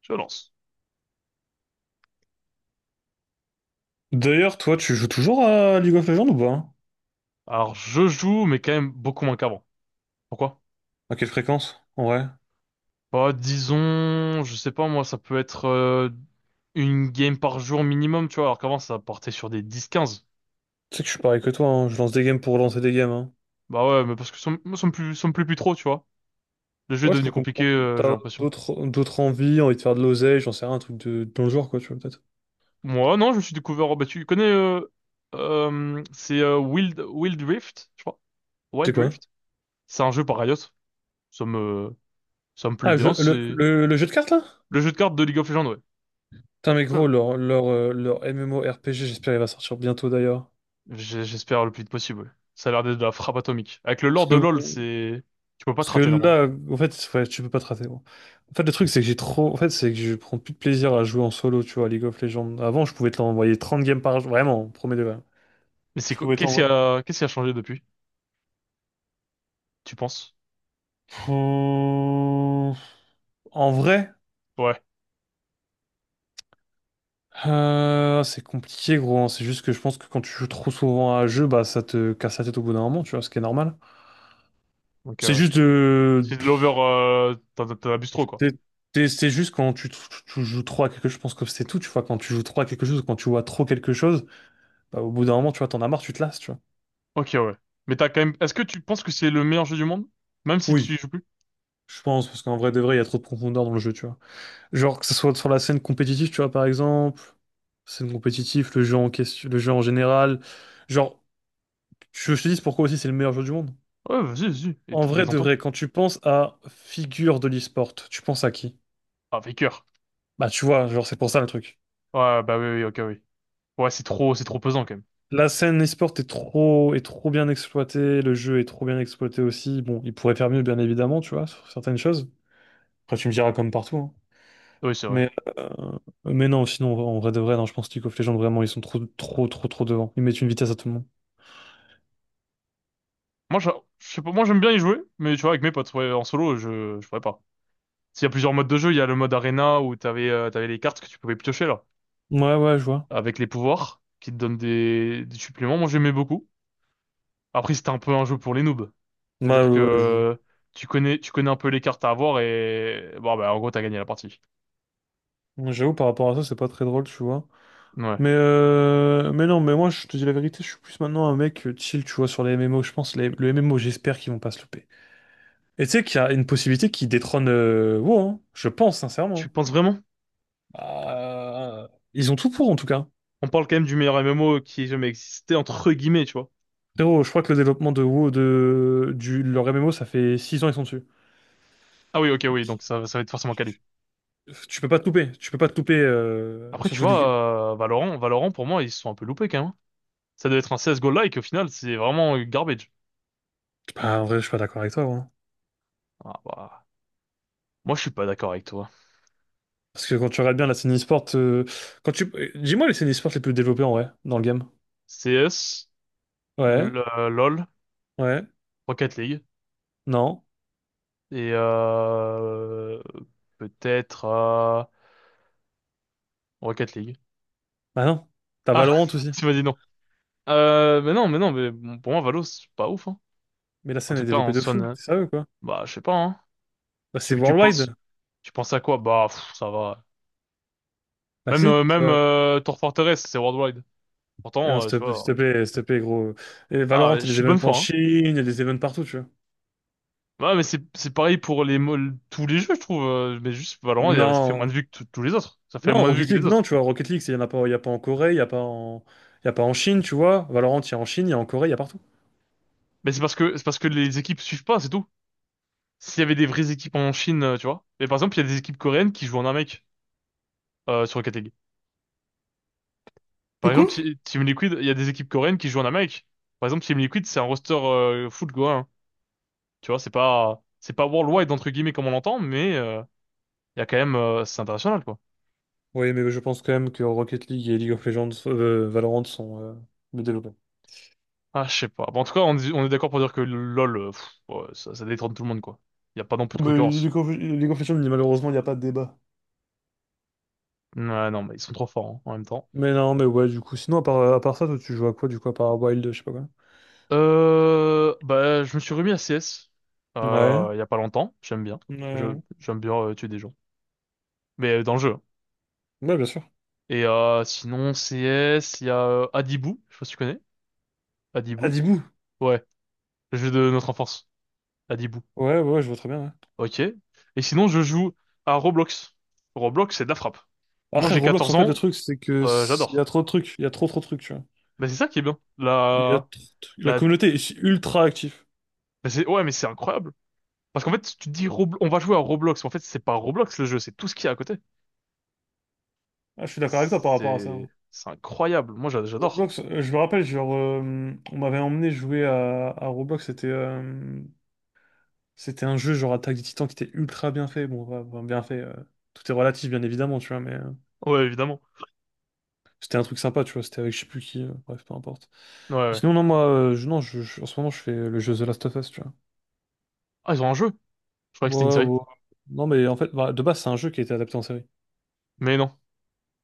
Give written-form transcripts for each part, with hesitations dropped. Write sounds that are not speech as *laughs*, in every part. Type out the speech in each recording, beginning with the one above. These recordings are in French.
Je lance. D'ailleurs, toi, tu joues toujours à League of Legends ou pas? Hein. Alors, je joue, mais quand même beaucoup moins qu'avant. Pourquoi? À quelle fréquence? En vrai. Bah, disons, je sais pas, moi, ça peut être une game par jour minimum, tu vois, alors qu'avant, ça portait sur des 10-15. Tu sais que je suis pareil que toi, hein, je lance des games pour lancer des games. Hein. Bah ouais, mais parce que ça me plaît plus, ça me plaît plus trop, tu vois. Le jeu est Ouais, je peux devenu compliqué, comprendre. J'ai T'as l'impression. d'autres envies, envie de faire de l'oseille, j'en sais rien, un truc de, dans le genre, quoi, tu vois, peut-être. Moi, non, je me suis découvert, oh, bah, tu connais, c'est Wild Rift, je crois. C'est Wild quoi? Rift. C'est un jeu par Riot. Ça me, ça me plaît Ah, je- bien, le, c'est le, le jeu de cartes, là? le jeu de cartes de League of Legends, Putain, mais gros, ouais. leur MMORPG, j'espère il va sortir bientôt, d'ailleurs. J'espère le plus vite possible. Ouais. Ça a l'air d'être de la frappe atomique. Avec le lore Parce que, de LoL, c'est... Tu peux pas te parce que rater normalement. là, en fait, ouais, tu peux pas te rater, gros. En fait, le truc, c'est que j'ai trop. En fait, c'est que je prends plus de plaisir à jouer en solo, tu vois, à League of Legends. Avant, je pouvais te l'envoyer 30 games par jour, vraiment, premier degré. Mais Je pouvais qu'est-ce qui t'envoyer. a... qu'est-ce qui a changé depuis, tu penses? Euh, En vrai, Ouais. C'est compliqué, gros. Hein. C'est juste que je pense que quand tu joues trop souvent à un jeu, bah ça te casse la tête au bout d'un moment, tu vois, ce qui est normal. Ok, C'est ouais. juste de. C'est de l'over... T'en abuses trop, quoi. C'est c'est juste quand tu joues trop à quelque chose, je pense que c'est tout, tu vois. Quand tu joues trop à quelque chose, ou quand tu vois trop quelque chose, bah, au bout d'un moment, tu vois, t'en as marre, tu te lasses, tu vois. Ok, ouais. Mais t'as quand même... Est-ce que tu penses que c'est le meilleur jeu du monde? Même si Oui, tu y joues plus? je pense, parce qu'en vrai de vrai, il y a trop de profondeur dans le jeu, tu vois. Genre, que ce soit sur la scène compétitive, tu vois, par exemple, scène compétitive, le jeu en question, le jeu en général. Genre. Je te dis pourquoi aussi c'est le meilleur jeu du monde. Ouais, vas-y, vas-y. Et En vrai, de détends-toi. vrai, quand tu penses à figure de l'e-sport, tu penses à qui? Ah, Faker. Bah, tu vois, genre, c'est pour ça le truc. Ouais, bah oui, oui, ok, oui. Ouais, c'est trop pesant, quand même. La scène e-sport est trop bien exploitée, le jeu est trop bien exploité aussi. Bon, il pourrait faire mieux, bien évidemment, tu vois, sur certaines choses. Après, tu me diras comme partout, hein. Oui, c'est vrai. Mais, euh, mais non, sinon, en vrai de vrai, non, je pense que League of Legends, vraiment, ils sont trop devant. Ils mettent une vitesse à tout le monde. Moi, je sais pas... Moi, j'aime bien y jouer, mais tu vois, avec mes potes, ouais, en solo, je pourrais pas. Il y a plusieurs modes de jeu. Il y a le mode arena où t'avais les cartes que tu pouvais piocher là, Ouais, ouais, je vois. avec les pouvoirs qui te donnent des suppléments. Moi, j'aimais beaucoup. Après, c'était un peu un jeu pour les noobs. Bah, C'est-à-dire que tu connais un peu les cartes à avoir et bon bah en gros t'as gagné la partie. j'avoue, par rapport à ça, c'est pas très drôle, tu vois. Ouais. Mais non, mais moi, je te dis la vérité, je suis plus maintenant un mec chill, tu vois, sur les MMO. Le MMO, j'espère qu'ils vont pas se louper. Et tu sais qu'il y a une possibilité qui détrône WoW, hein. Je pense, Tu sincèrement. penses vraiment? Euh, Ils ont tout pour, en tout cas. On parle quand même du meilleur MMO qui ait jamais existé entre guillemets, tu vois. Frérot, je crois que le développement de WoW, leur MMO, ça fait 6 ans, ils sont dessus. Ah oui, ok, oui, donc ça va être forcément quali. Tu peux pas te louper, tu peux pas te louper, Après, tu surtout League. vois, Valorant, Valorant pour moi ils se sont un peu loupés quand même, hein. Ça doit être un CS:GO like au final, c'est vraiment garbage. Bah, en vrai, je suis pas d'accord avec toi, gros. Ah, bah, moi je suis pas d'accord avec toi. Parce que quand tu regardes bien la scène e-sport, dis-moi les scènes e-sport les plus développées, en vrai, dans le game. CS, Ouais, LOL, ouais, Rocket League non. et peut-être Rocket League. Bah non, t'as Ah, *laughs* Valorant aussi. tu m'as dit non. Mais non, mais non, mais bon, pour moi Valo c'est pas ouf, hein. Mais la En scène tout est cas, on développée de sonne. fou, c'est sérieux quoi. Bah, je sais pas, hein. Bah c'est Tu tu penses worldwide. tu penses à quoi? Bah, pff, ça va. Bah Même euh, si, ça même va. euh, Tour Fortress, c'est worldwide. Mais non, Pourtant, tu vois. S'il te plaît, gros. Et Ah, Valorant, il je y a des suis de bonne événements en foi, hein. Chine, il y a des événements partout, tu vois. Ouais, mais c'est pareil pour les tous les jeux, je trouve. Mais juste Valorant, ça fait moins de Non. vues que tous les autres. Ça fait Non, moins de vues Rocket que les League, autres. non, tu vois, Rocket League, c'est- il n'y en a pas, il y a pas en Corée, il y a pas en Chine, tu vois. Valorant, il y a en Chine, il y a en Corée, il y a partout. Mais c'est parce que les équipes suivent pas, c'est tout. S'il y avait des vraies équipes en Chine, tu vois. Mais par exemple, il y a des équipes coréennes qui jouent en Amérique sur Rocket League. Par C'est quoi? exemple, Team Liquid, il y a des équipes coréennes qui jouent en Amérique. Par exemple, Team Liquid, c'est un roster foot coréen. Tu vois, c'est pas worldwide entre guillemets comme on l'entend, mais il y a quand même c'est international quoi. Oui, mais je pense quand même que Rocket League et League of Legends, Valorant sont mieux développés. Ah, je sais pas. Bon, en tout cas, on est d'accord pour dire que LoL, pff, ouais, ça détrône tout le monde quoi. Il y a pas non plus de Mais concurrence. League of Legends, malheureusement, il n'y a pas de débat. Ouais, non, mais ils sont trop forts, hein, en même temps. Mais non, mais ouais, du coup, sinon, à part ça, toi, tu joues à quoi, du coup, à part Wild, je sais pas quoi. Bah, je me suis remis à CS Ouais, il y a pas longtemps. J'aime bien. Je ouais, j'aime bien tuer des gens, mais dans le jeu, hein. ouais, bien sûr. Et sinon CS, il y a Adibou. Je sais pas si tu connais. Ah, Adibou. Dibou. Ouais, le jeu de notre enfance. Adibou. Ouais, ouais, je vois très bien. Ouais. Ok. Et sinon, je joue à Roblox. Roblox, c'est de la frappe. Moi, Après, j'ai Roblox, 14 en fait, le ans. truc, c'est que euh, il y j'adore. a trop de trucs, il y a trop, trop de trucs, tu vois. Mais c'est ça qui est bien. Il y a trop de La trucs. La la. communauté est ultra active. Mais c'est ouais, mais c'est incroyable. Parce qu'en fait, tu te dis on va jouer à Roblox. Mais en fait, c'est pas Roblox le jeu, c'est tout ce qu'il y a à côté. Ah, je suis d'accord avec toi par rapport à ça. C'est Hein. c'est incroyable. Moi, j'adore. Roblox, je me rappelle, genre, on m'avait emmené jouer à Roblox, c'était un jeu genre Attaque des Titans qui était ultra bien fait. Bon, ouais, bon, bien fait, tout est relatif, bien évidemment, tu vois, mais. Ouais, évidemment. C'était un truc sympa, tu vois, c'était avec je sais plus qui, bref, peu importe. Ouais, Mais ouais. sinon, non, moi, je, non, je- en ce moment, je fais le jeu The Last of Us, tu vois. Ah, ils ont un jeu. Je croyais que c'était une Ouais, série. ouais. Non, mais en fait, bah, de base, c'est un jeu qui a été adapté en série. Mais non,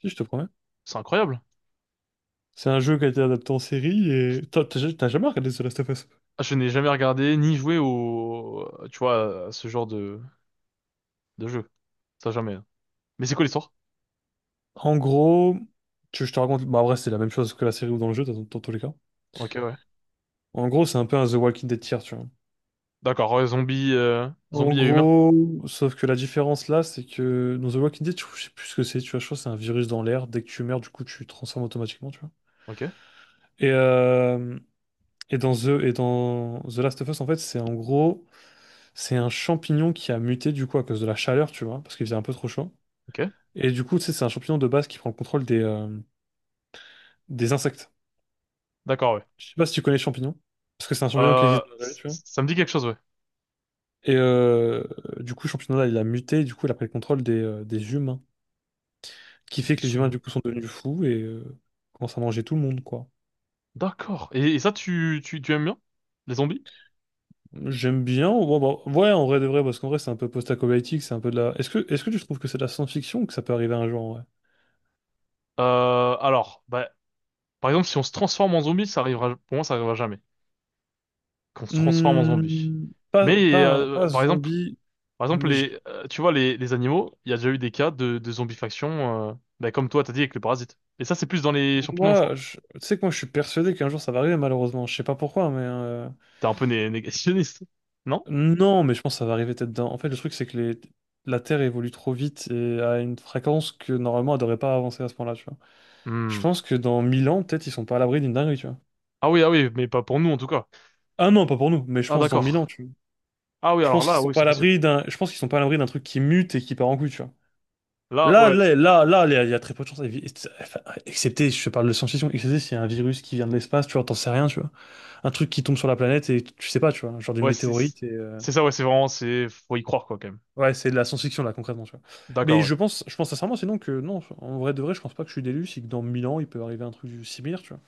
Si, je te promets. c'est incroyable. C'est un jeu qui a été adapté en série et... t'as jamais regardé The Last of Us? Ah, je n'ai jamais regardé ni joué au, tu vois, à ce genre de jeu. Ça jamais, hein. Mais c'est quoi l'histoire? En gros, tu, je te raconte... bah, en vrai, c'est la même chose que la série ou dans le jeu, dans tous les cas. Ok, ouais. En gros, c'est un peu un The Walking Dead tier, tu vois. D'accord, ouais, zombie, En zombie et humain. gros, sauf que la différence là, c'est que dans The Walking Dead, je sais plus ce que c'est, tu vois, je crois que c'est un virus dans l'air. Dès que tu meurs, du coup, tu te transformes automatiquement, tu vois. Ok, Et, euh, et dans The Last of Us, en fait, c'est un champignon qui a muté du coup à cause de la chaleur, tu vois, parce qu'il faisait un peu trop chaud. ok. Et du coup, tu sais, c'est un champignon de base qui prend le contrôle des insectes. D'accord, ouais. Je sais pas si tu connais le champignon, parce que c'est un champignon qui Euh, existe dans la vraie vie, c- tu vois. ça me dit quelque chose, ouais. Et euh, du coup, le champignon là, il a muté, et du coup, il a pris le contrôle des humains, qui fait que les Des humains, humains. du coup, sont devenus fous et commencent à manger tout le monde, quoi. D'accord. Et ça, tu aimes bien? Les zombies? J'aime bien. Ouais, bah, ouais, en vrai de vrai, parce qu'en vrai, c'est un peu post-apocalyptique, c'est un peu de la. Est-ce que tu trouves que c'est de la science-fiction ou que ça peut arriver un jour, en vrai? Alors, bah, par exemple, si on se transforme en zombie, ça arrivera, pour moi, ça arrivera jamais. Qu'on se transforme en zombie. Hmm, Mais pas par exemple, zombie, par exemple mais tu vois, les animaux, il y a déjà eu des cas de zombifaction, bah, comme toi, t'as dit avec le parasite. Et ça, c'est plus dans les champignons, je crois. Tu sais que moi, je suis persuadé qu'un jour ça va arriver, malheureusement. Je sais pas pourquoi, T'es un peu négationniste, *laughs* non? non, mais je pense que ça va arriver peut-être dans. En fait, le truc, c'est que la Terre évolue trop vite et à une fréquence que normalement, elle devrait pas avancer à ce point-là, tu vois. Je Hmm. pense que dans 1000 ans, peut-être, ils sont pas à l'abri d'une dinguerie, tu vois. Ah oui, ah oui, mais pas pour nous en tout cas. Ah non, pas pour nous, mais je Ah pense dans 1000 ans, d'accord. tu vois. Ah oui, Je alors pense qu'ils là, sont oui, pas à c'est possible. l'abri d'un, je pense qu'ils sont pas à l'abri d'un truc qui mute et qui part en couille, tu vois. Là, ouais, Là, il y a très peu de chances. Enfin, excepté, je te parle de science-fiction, excepté s'il y a un virus qui vient de l'espace, tu vois, t'en sais rien, tu vois. Un truc qui tombe sur la planète et tu sais pas, tu vois, genre d'une ouais, c'est météorite et, euh. c'est ça, ouais, c'est faut y croire quoi, quand même. Ouais, c'est de la science-fiction, là, concrètement, tu vois. Mais D'accord, ouais. Je pense sincèrement, sinon que, non, en vrai de vrai, je pense pas que je suis d'élu, c'est que dans 1000 ans, il peut arriver un truc similaire, tu vois.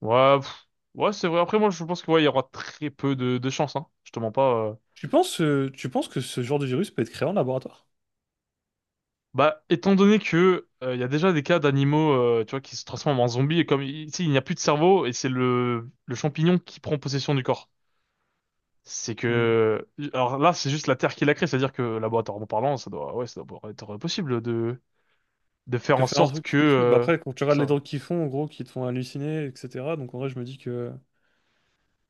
Ouais, pff, ouais, c'est vrai. Après, moi, je pense que ouais, il y aura très peu de chance, hein. Je te mens pas. Tu penses que ce genre de virus peut être créé en laboratoire? Bah, étant donné que il y a déjà des cas d'animaux, tu vois, qui se transforment en zombies et comme ici il n'y a plus de cerveau et c'est le champignon qui prend possession du corps. C'est que alors là c'est juste la Terre qui l'a créé, c'est-à-dire que laboratoirement parlant, ça doit pouvoir être possible de faire Tu en fais un sorte truc, que tu détruis. Bah après, quand tu regardes ça. les Ouais. drogues qu'ils font, en gros, qui te font halluciner, etc. Donc en vrai, je me dis que.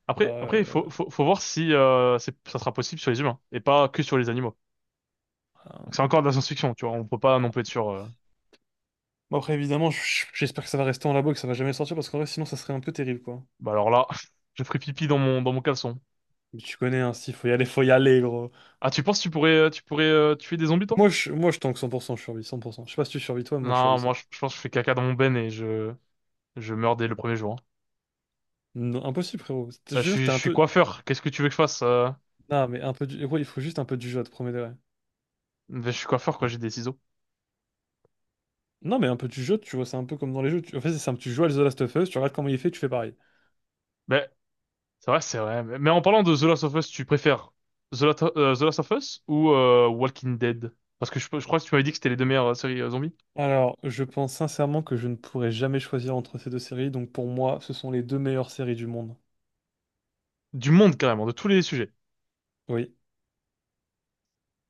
Après il Euh, faut voir si c'est ça sera possible sur les humains et pas que sur les animaux. Donc c'est un- encore de la science-fiction, tu vois, on peut pas non plus être sûr. Bon, après, évidemment, j'espère que ça va rester en labo et que ça va jamais sortir parce qu'en vrai, sinon, ça serait un peu terrible, quoi. Bah alors là, *laughs* je ferai pipi dans mon caleçon. Mais tu connais, hein, s'il faut y aller, gros. Ah tu penses que tu pourrais tuer des zombies toi? Moi, je tank 100%, je survis 100%. Je sais pas si tu survis toi, moi, je Non, survis moi 100%. je pense que je fais caca dans mon ben et je meurs dès le premier jour, hein. Non, impossible, frérot. Je te Bah, jure, je t'es un suis peu. coiffeur, qu'est-ce que tu veux que je fasse? Non, mais un peu du. Ouais, il faut juste un peu du jeu, à te promets de vrai. Bah, je suis coiffeur, quoi, j'ai des ciseaux. Non, mais un peu du jeu, tu vois, c'est un peu comme dans les jeux. Tu... En fait, c'est simple. Tu joues à The Last of Us, tu regardes comment il fait, tu fais pareil. Mais c'est vrai, c'est vrai. Mais en parlant de The Last of Us, tu préfères The Last of Us ou Walking Dead? Parce que je crois que tu m'avais dit que c'était les deux meilleures séries zombies. Alors, je pense sincèrement que je ne pourrais jamais choisir entre ces deux séries, donc pour moi, ce sont les deux meilleures séries du monde. Du monde, carrément, de tous les sujets. Oui.